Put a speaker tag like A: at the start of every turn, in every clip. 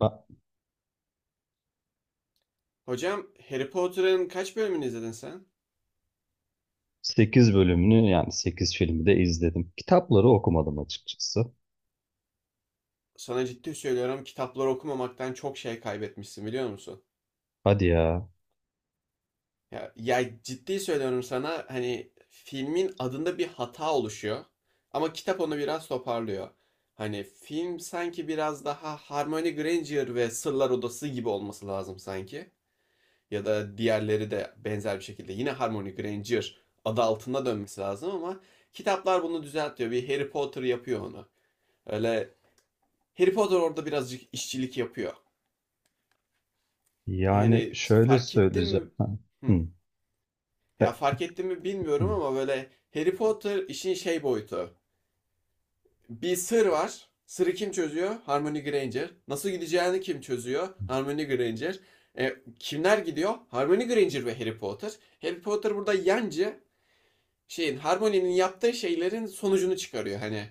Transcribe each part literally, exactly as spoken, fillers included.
A: Ben
B: Hocam Harry Potter'ın kaç bölümünü izledin sen?
A: sekiz bölümünü yani sekiz filmi de izledim. Kitapları okumadım açıkçası.
B: Sana ciddi söylüyorum, kitapları okumamaktan çok şey kaybetmişsin, biliyor musun?
A: Hadi ya.
B: Ya, ya ciddi söylüyorum sana, hani filmin adında bir hata oluşuyor ama kitap onu biraz toparlıyor. Hani film sanki biraz daha Hermione Granger ve Sırlar Odası gibi olması lazım sanki. Ya da diğerleri de benzer bir şekilde yine Hermione Granger adı altında dönmesi lazım ama kitaplar bunu düzeltiyor. Bir Harry Potter yapıyor onu. Öyle, Harry Potter orada birazcık işçilik yapıyor.
A: Yani
B: Yani
A: şöyle
B: fark ettim
A: söyleyeceğim.
B: mi?
A: Ha,
B: Hı.
A: hı.
B: Ya
A: Be-
B: fark ettim mi bilmiyorum ama böyle Harry Potter işin şey boyutu. Bir sır var. Sırrı kim çözüyor? Hermione Granger. Nasıl gideceğini kim çözüyor? Hermione Granger. E, kimler gidiyor? Hermione Granger ve Harry Potter. Harry Potter burada yancı, şeyin, Hermione'nin yaptığı şeylerin sonucunu çıkarıyor hani.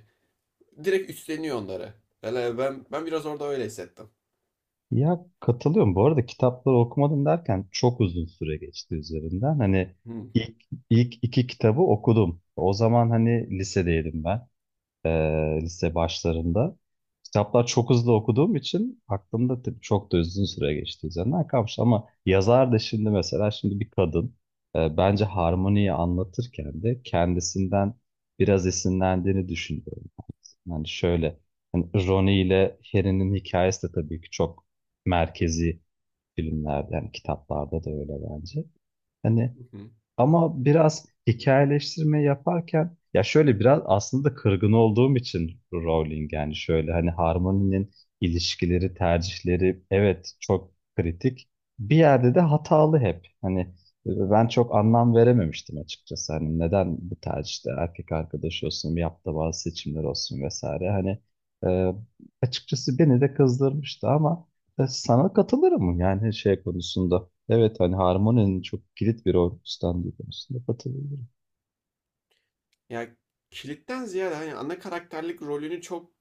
B: Direkt üstleniyor onları. ben ben biraz orada öyle hissettim.
A: Ya katılıyorum. Bu arada kitapları okumadım derken çok uzun süre geçti üzerinden. Hani
B: Hı.
A: ilk, ilk iki kitabı okudum. O zaman hani lisedeydim ben. e, Lise başlarında. Kitaplar çok hızlı okuduğum için aklımda tabii çok da uzun süre geçti üzerinden kalmış. Ama yazar da şimdi mesela şimdi bir kadın, e, bence harmoniyi anlatırken de kendisinden biraz esinlendiğini düşünüyorum. Yani şöyle, hani Ronnie ile Harry'nin hikayesi de tabii ki çok merkezi filmlerde yani kitaplarda da öyle bence. Hani ama biraz hikayeleştirme yaparken ya şöyle biraz aslında da kırgın olduğum için Rowling, yani şöyle hani Harmony'nin ilişkileri, tercihleri evet çok kritik. Bir yerde de hatalı hep. Hani e, ben çok anlam verememiştim açıkçası. Hani neden bu tercihte erkek arkadaş olsun, yaptığı bazı seçimler olsun vesaire. Hani e, açıkçası beni de kızdırmıştı ama e, sana katılırım yani şey konusunda. Evet, hani harmoninin çok kilit bir rol üstlendiği konusunda katılırım.
B: Ya, kilitten ziyade hani ana karakterlik rolünü çok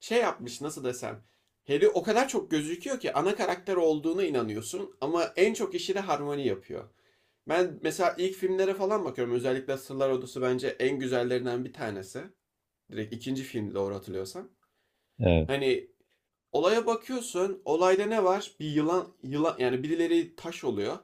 B: şey yapmış, nasıl desem. Harry o kadar çok gözüküyor ki ana karakter olduğuna inanıyorsun ama en çok işi de Harmony yapıyor. Ben mesela ilk filmlere falan bakıyorum. Özellikle Sırlar Odası bence en güzellerinden bir tanesi. Direkt ikinci filmdi doğru hatırlıyorsam.
A: Evet.
B: Hani olaya bakıyorsun. Olayda ne var? Bir yılan, yılan, yani birileri taş oluyor.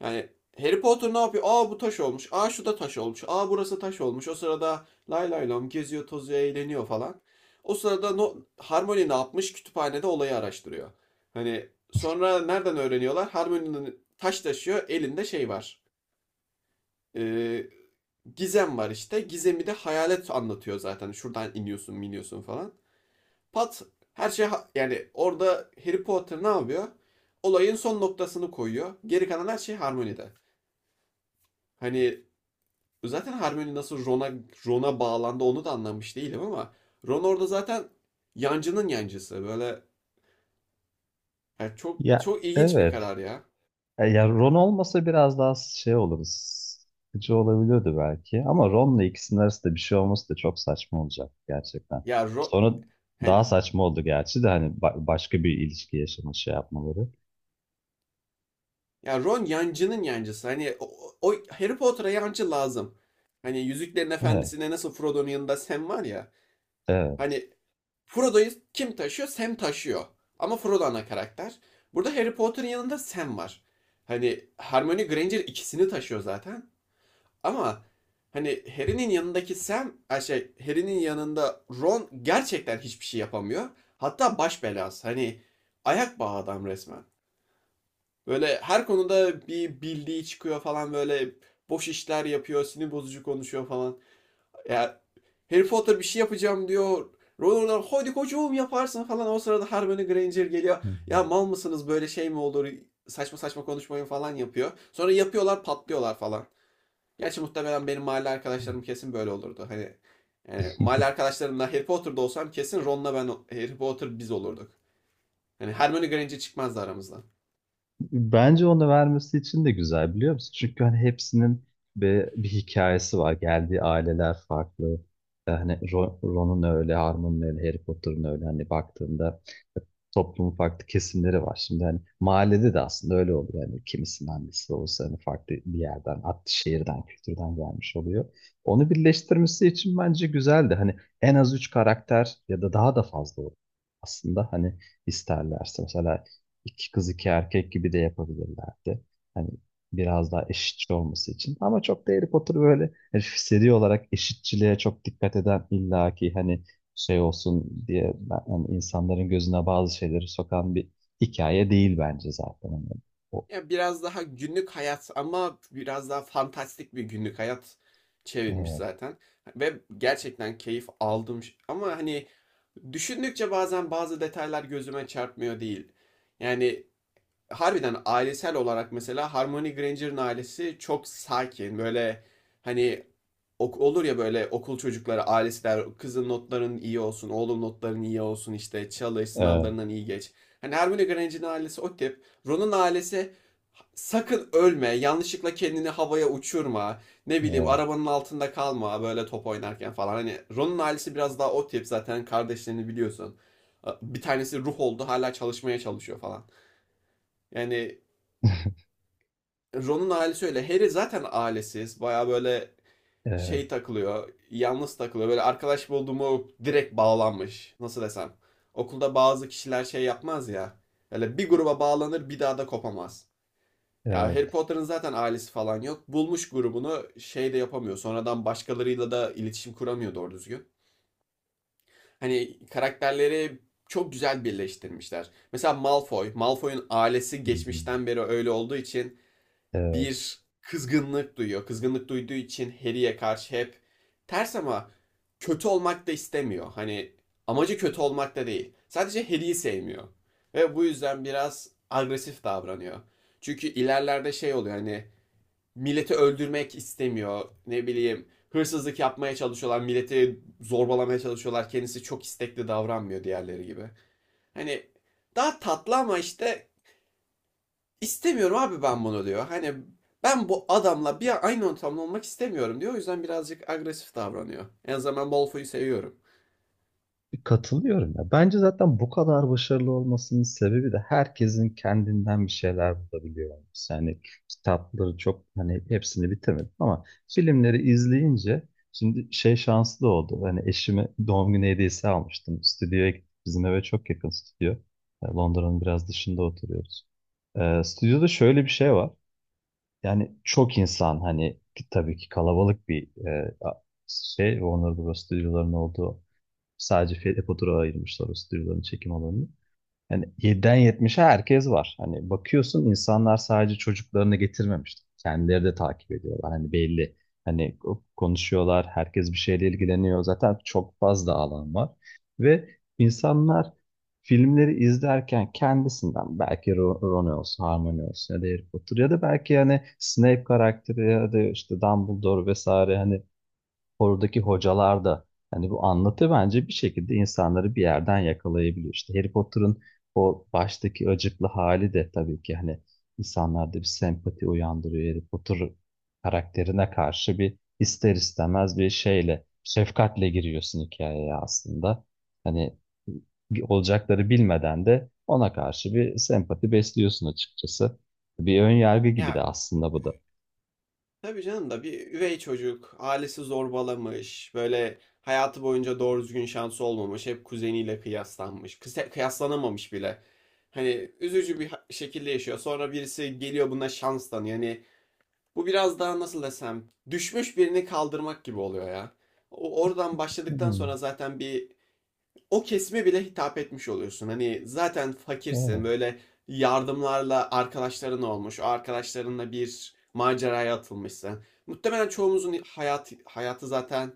B: Yani Harry Potter ne yapıyor? Aa bu taş olmuş. Aa şu da taş olmuş. Aa burası taş olmuş. O sırada lay lay lom geziyor, tozuyor, eğleniyor falan. O sırada no, Harmony ne yapmış? Kütüphanede olayı araştırıyor. Hani sonra nereden öğreniyorlar? Harmony'nin taş taşıyor. Elinde şey var. Ee, gizem var işte. Gizemi de hayalet anlatıyor zaten. Şuradan iniyorsun, miniyorsun falan. Pat, her şey, yani orada Harry Potter ne yapıyor? Olayın son noktasını koyuyor. Geri kalan her şey Harmony'de. Hani zaten Hermione nasıl Ron'a Ron'a bağlandı onu da anlamış değilim ama Ron orada zaten yancının yancısı. Böyle, yani çok
A: Ya,
B: çok ilginç bir
A: evet.
B: karar ya.
A: E, ya Ron olmasa biraz daha şey oluruz. Sıkıcı olabiliyordu belki. Ama Ron'la ikisinin arasında bir şey olması da çok saçma olacak gerçekten.
B: Ya Ron,
A: Sonra daha
B: hani
A: saçma oldu gerçi de hani ba- başka bir ilişki yaşama şey yapmaları.
B: ya Ron yancının yancısı. Hani o, o Harry Potter'a yancı lazım. Hani Yüzüklerin
A: Evet.
B: efendisine nasıl Frodo'nun yanında Sam var ya.
A: Evet.
B: Hani Frodo'yu kim taşıyor? Sam taşıyor. Ama Frodo ana karakter. Burada Harry Potter'ın yanında Sam var. Hani Hermione Granger ikisini taşıyor zaten. Ama hani Harry'nin yanındaki Sam, şey, Harry'nin yanında Ron gerçekten hiçbir şey yapamıyor. Hatta baş belası. Hani ayak bağı adam resmen. Böyle her konuda bir bildiği çıkıyor falan, böyle boş işler yapıyor, sinir bozucu konuşuyor falan. Ya Harry Potter bir şey yapacağım diyor. Ron ona hadi kocuğum yaparsın falan. O sırada Hermione Granger geliyor.
A: Hı
B: Ya mal mısınız, böyle şey mi olur? Saçma saçma konuşmayın falan yapıyor. Sonra yapıyorlar, patlıyorlar falan. Gerçi muhtemelen benim mahalle arkadaşlarım kesin böyle olurdu. Hani yani mahalle
A: hı.
B: arkadaşlarımla Harry Potter'da olsam kesin Ron'la ben Harry Potter biz olurduk. Hani Hermione Granger çıkmazdı aramızdan.
A: Bence onu vermesi için de güzel biliyor musun? Çünkü hani hepsinin bir, bir hikayesi var. Geldiği aileler farklı. Ee, Hani Ro- Ron'un öyle, Harmon'un öyle, Harry Potter'ın öyle. Hani baktığında toplumun farklı kesimleri var. Şimdi hani mahallede de aslında öyle oluyor. Yani kimisinin annesi olsa hani farklı bir yerden, farklı şehirden, kültürden gelmiş oluyor. Onu birleştirmesi için bence güzeldi. Hani en az üç karakter ya da daha da fazla olur aslında. Hani isterlerse mesela iki kız iki erkek gibi de yapabilirlerdi. Hani biraz daha eşitçi olması için. Ama çok da Harry Potter böyle hani seri olarak eşitçiliğe çok dikkat eden illaki hani şey olsun diye ben- hani insanların gözüne bazı şeyleri sokan bir hikaye değil bence zaten. Hani o,
B: Ya biraz daha günlük hayat ama biraz daha fantastik bir günlük hayat çevirmiş
A: evet,
B: zaten. Ve gerçekten keyif aldım. Ama hani düşündükçe bazen bazı detaylar gözüme çarpmıyor değil. Yani harbiden ailesel olarak mesela Hermione Granger'ın ailesi çok sakin. Böyle hani ok- olur ya böyle okul çocukları, ailesi der kızın notların iyi olsun, oğlum notların iyi olsun işte çalış, sınavlarından iyi geç. Hani Hermione Granger'in ailesi o tip. Ron'un ailesi sakın ölme, yanlışlıkla kendini havaya uçurma, ne bileyim arabanın altında kalma böyle top oynarken falan. Hani Ron'un ailesi biraz daha o tip, zaten kardeşlerini biliyorsun. Bir tanesi ruh oldu, hala çalışmaya çalışıyor falan. Yani
A: evet,
B: Ron'un ailesi öyle. Harry zaten ailesiz. Baya böyle
A: evet,
B: şey
A: evet,
B: takılıyor, yalnız takılıyor. Böyle arkadaş bulduğumu direkt bağlanmış. Nasıl desem? Okulda bazı kişiler şey yapmaz ya. Böyle bir gruba bağlanır, bir daha da kopamaz. Ya Harry
A: evet,
B: Potter'ın zaten ailesi falan yok. Bulmuş grubunu, şey de yapamıyor. Sonradan başkalarıyla da iletişim kuramıyor doğru düzgün. Hani karakterleri çok güzel birleştirmişler. Mesela Malfoy, Malfoy'un ailesi
A: hı hı,
B: geçmişten beri öyle olduğu için
A: evet.
B: bir kızgınlık duyuyor. Kızgınlık duyduğu için Harry'e karşı hep ters ama kötü olmak da istemiyor. Hani amacı kötü olmak da değil. Sadece Harry'i sevmiyor. Ve bu yüzden biraz agresif davranıyor. Çünkü ilerlerde şey oluyor, hani milleti öldürmek istemiyor. Ne bileyim hırsızlık yapmaya çalışıyorlar. Milleti zorbalamaya çalışıyorlar. Kendisi çok istekli davranmıyor diğerleri gibi. Hani daha tatlı ama işte, İstemiyorum abi ben bunu diyor. Hani ben bu adamla bir aynı ortamda olmak istemiyorum diyor. O yüzden birazcık agresif davranıyor. En azından ben Malfoy'u seviyorum.
A: Katılıyorum ya. Bence zaten bu kadar başarılı olmasının sebebi de herkesin kendinden bir şeyler bulabiliyor olması. Yani kitapları çok hani hepsini bitirmedim ama filmleri izleyince şimdi şey şanslı oldu. Hani eşime doğum günü hediyesi almıştım. Stüdyoya gittik. Bizim eve çok yakın stüdyo. E, Londra'nın biraz dışında oturuyoruz. E, stüdyoda şöyle bir şey var. Yani çok insan hani ki- tabii ki kalabalık bir e, a- şey Warner Bros. Stüdyolarının olduğu, sadece Fedepodur'a ayırmışlar o stüdyoların çekim alanını. Yani yediden yetmişe herkes var. Hani bakıyorsun insanlar sadece çocuklarını getirmemiş. Kendileri de takip ediyorlar. Hani belli. Hani konuşuyorlar. Herkes bir şeyle ilgileniyor. Zaten çok fazla alan var. Ve insanlar filmleri izlerken kendisinden belki Ro- Ron olsun, Hermione olsun ya da Harry Potter ya da belki hani Snape karakteri ya da işte Dumbledore vesaire, hani oradaki hocalar da, hani bu anlatı bence bir şekilde insanları bir yerden yakalayabiliyor. İşte Harry Potter'ın o baştaki acıklı hali de tabii ki hani insanlarda bir sempati uyandırıyor. Harry Potter karakterine karşı bir ister istemez bir şeyle, şefkatle giriyorsun hikayeye aslında. Hani olacakları bilmeden de ona karşı bir sempati besliyorsun açıkçası. Bir ön yargı gibi de
B: Ya
A: aslında bu da.
B: tabii canım da bir üvey çocuk, ailesi zorbalamış, böyle hayatı boyunca doğru düzgün şansı olmamış, hep kuzeniyle kıyaslanmış, kıse- kıyaslanamamış bile. Hani üzücü bir ha- şekilde yaşıyor. Sonra birisi geliyor buna şans tanıyor. Yani bu biraz daha nasıl desem düşmüş birini kaldırmak gibi oluyor ya. O- Oradan başladıktan
A: Hmm,
B: sonra zaten bir o kesime bile hitap etmiş oluyorsun. Hani zaten
A: evet,
B: fakirsin, böyle yardımlarla arkadaşların olmuş. O arkadaşlarınla bir maceraya atılmışsın. Muhtemelen çoğumuzun hayat, hayatı zaten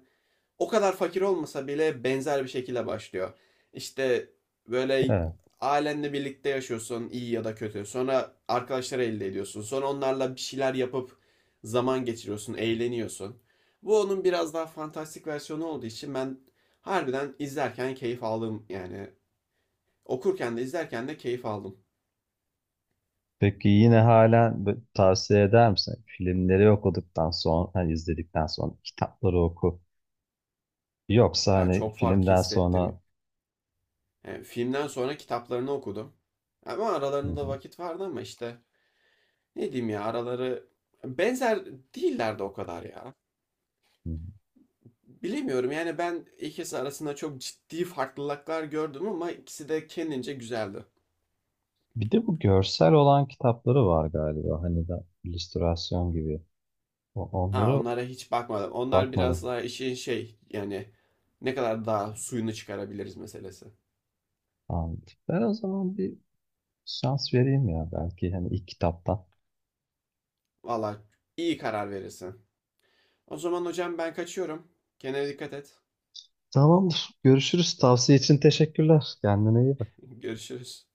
B: o kadar fakir olmasa bile benzer bir şekilde başlıyor. İşte böyle
A: evet.
B: ailenle birlikte yaşıyorsun iyi ya da kötü. Sonra arkadaşları elde ediyorsun. Sonra onlarla bir şeyler yapıp zaman geçiriyorsun, eğleniyorsun. Bu onun biraz daha fantastik versiyonu olduğu için ben harbiden izlerken keyif aldım. Yani okurken de izlerken de keyif aldım.
A: Peki yine halen b- tavsiye eder misin? Filmleri okuduktan sonra, hani izledikten sonra kitapları oku. Yoksa
B: Ya
A: hani
B: çok fark
A: filmden
B: hissettim.
A: sonra...
B: Yani filmden sonra kitaplarını okudum. Ama
A: Hı hı,
B: aralarında da vakit vardı ama işte, ne diyeyim ya, araları benzer değiller de o kadar ya.
A: hı. Hı.
B: Bilemiyorum yani, ben ikisi arasında çok ciddi farklılıklar gördüm ama ikisi de kendince güzeldi.
A: Bir de bu görsel olan kitapları var galiba. Hani de illüstrasyon gibi. O-
B: Ha
A: Onları
B: onlara hiç bakmadım. Onlar biraz
A: bakmadım.
B: daha işin şey, yani ne kadar daha suyunu çıkarabiliriz meselesi.
A: Anladım. Ben o zaman bir şans vereyim ya belki hani ilk kitaptan.
B: Valla iyi karar verirsin. O zaman hocam ben kaçıyorum. Kendine dikkat et.
A: Tamamdır. Görüşürüz. Tavsiye için teşekkürler. Kendine iyi bak.
B: Görüşürüz.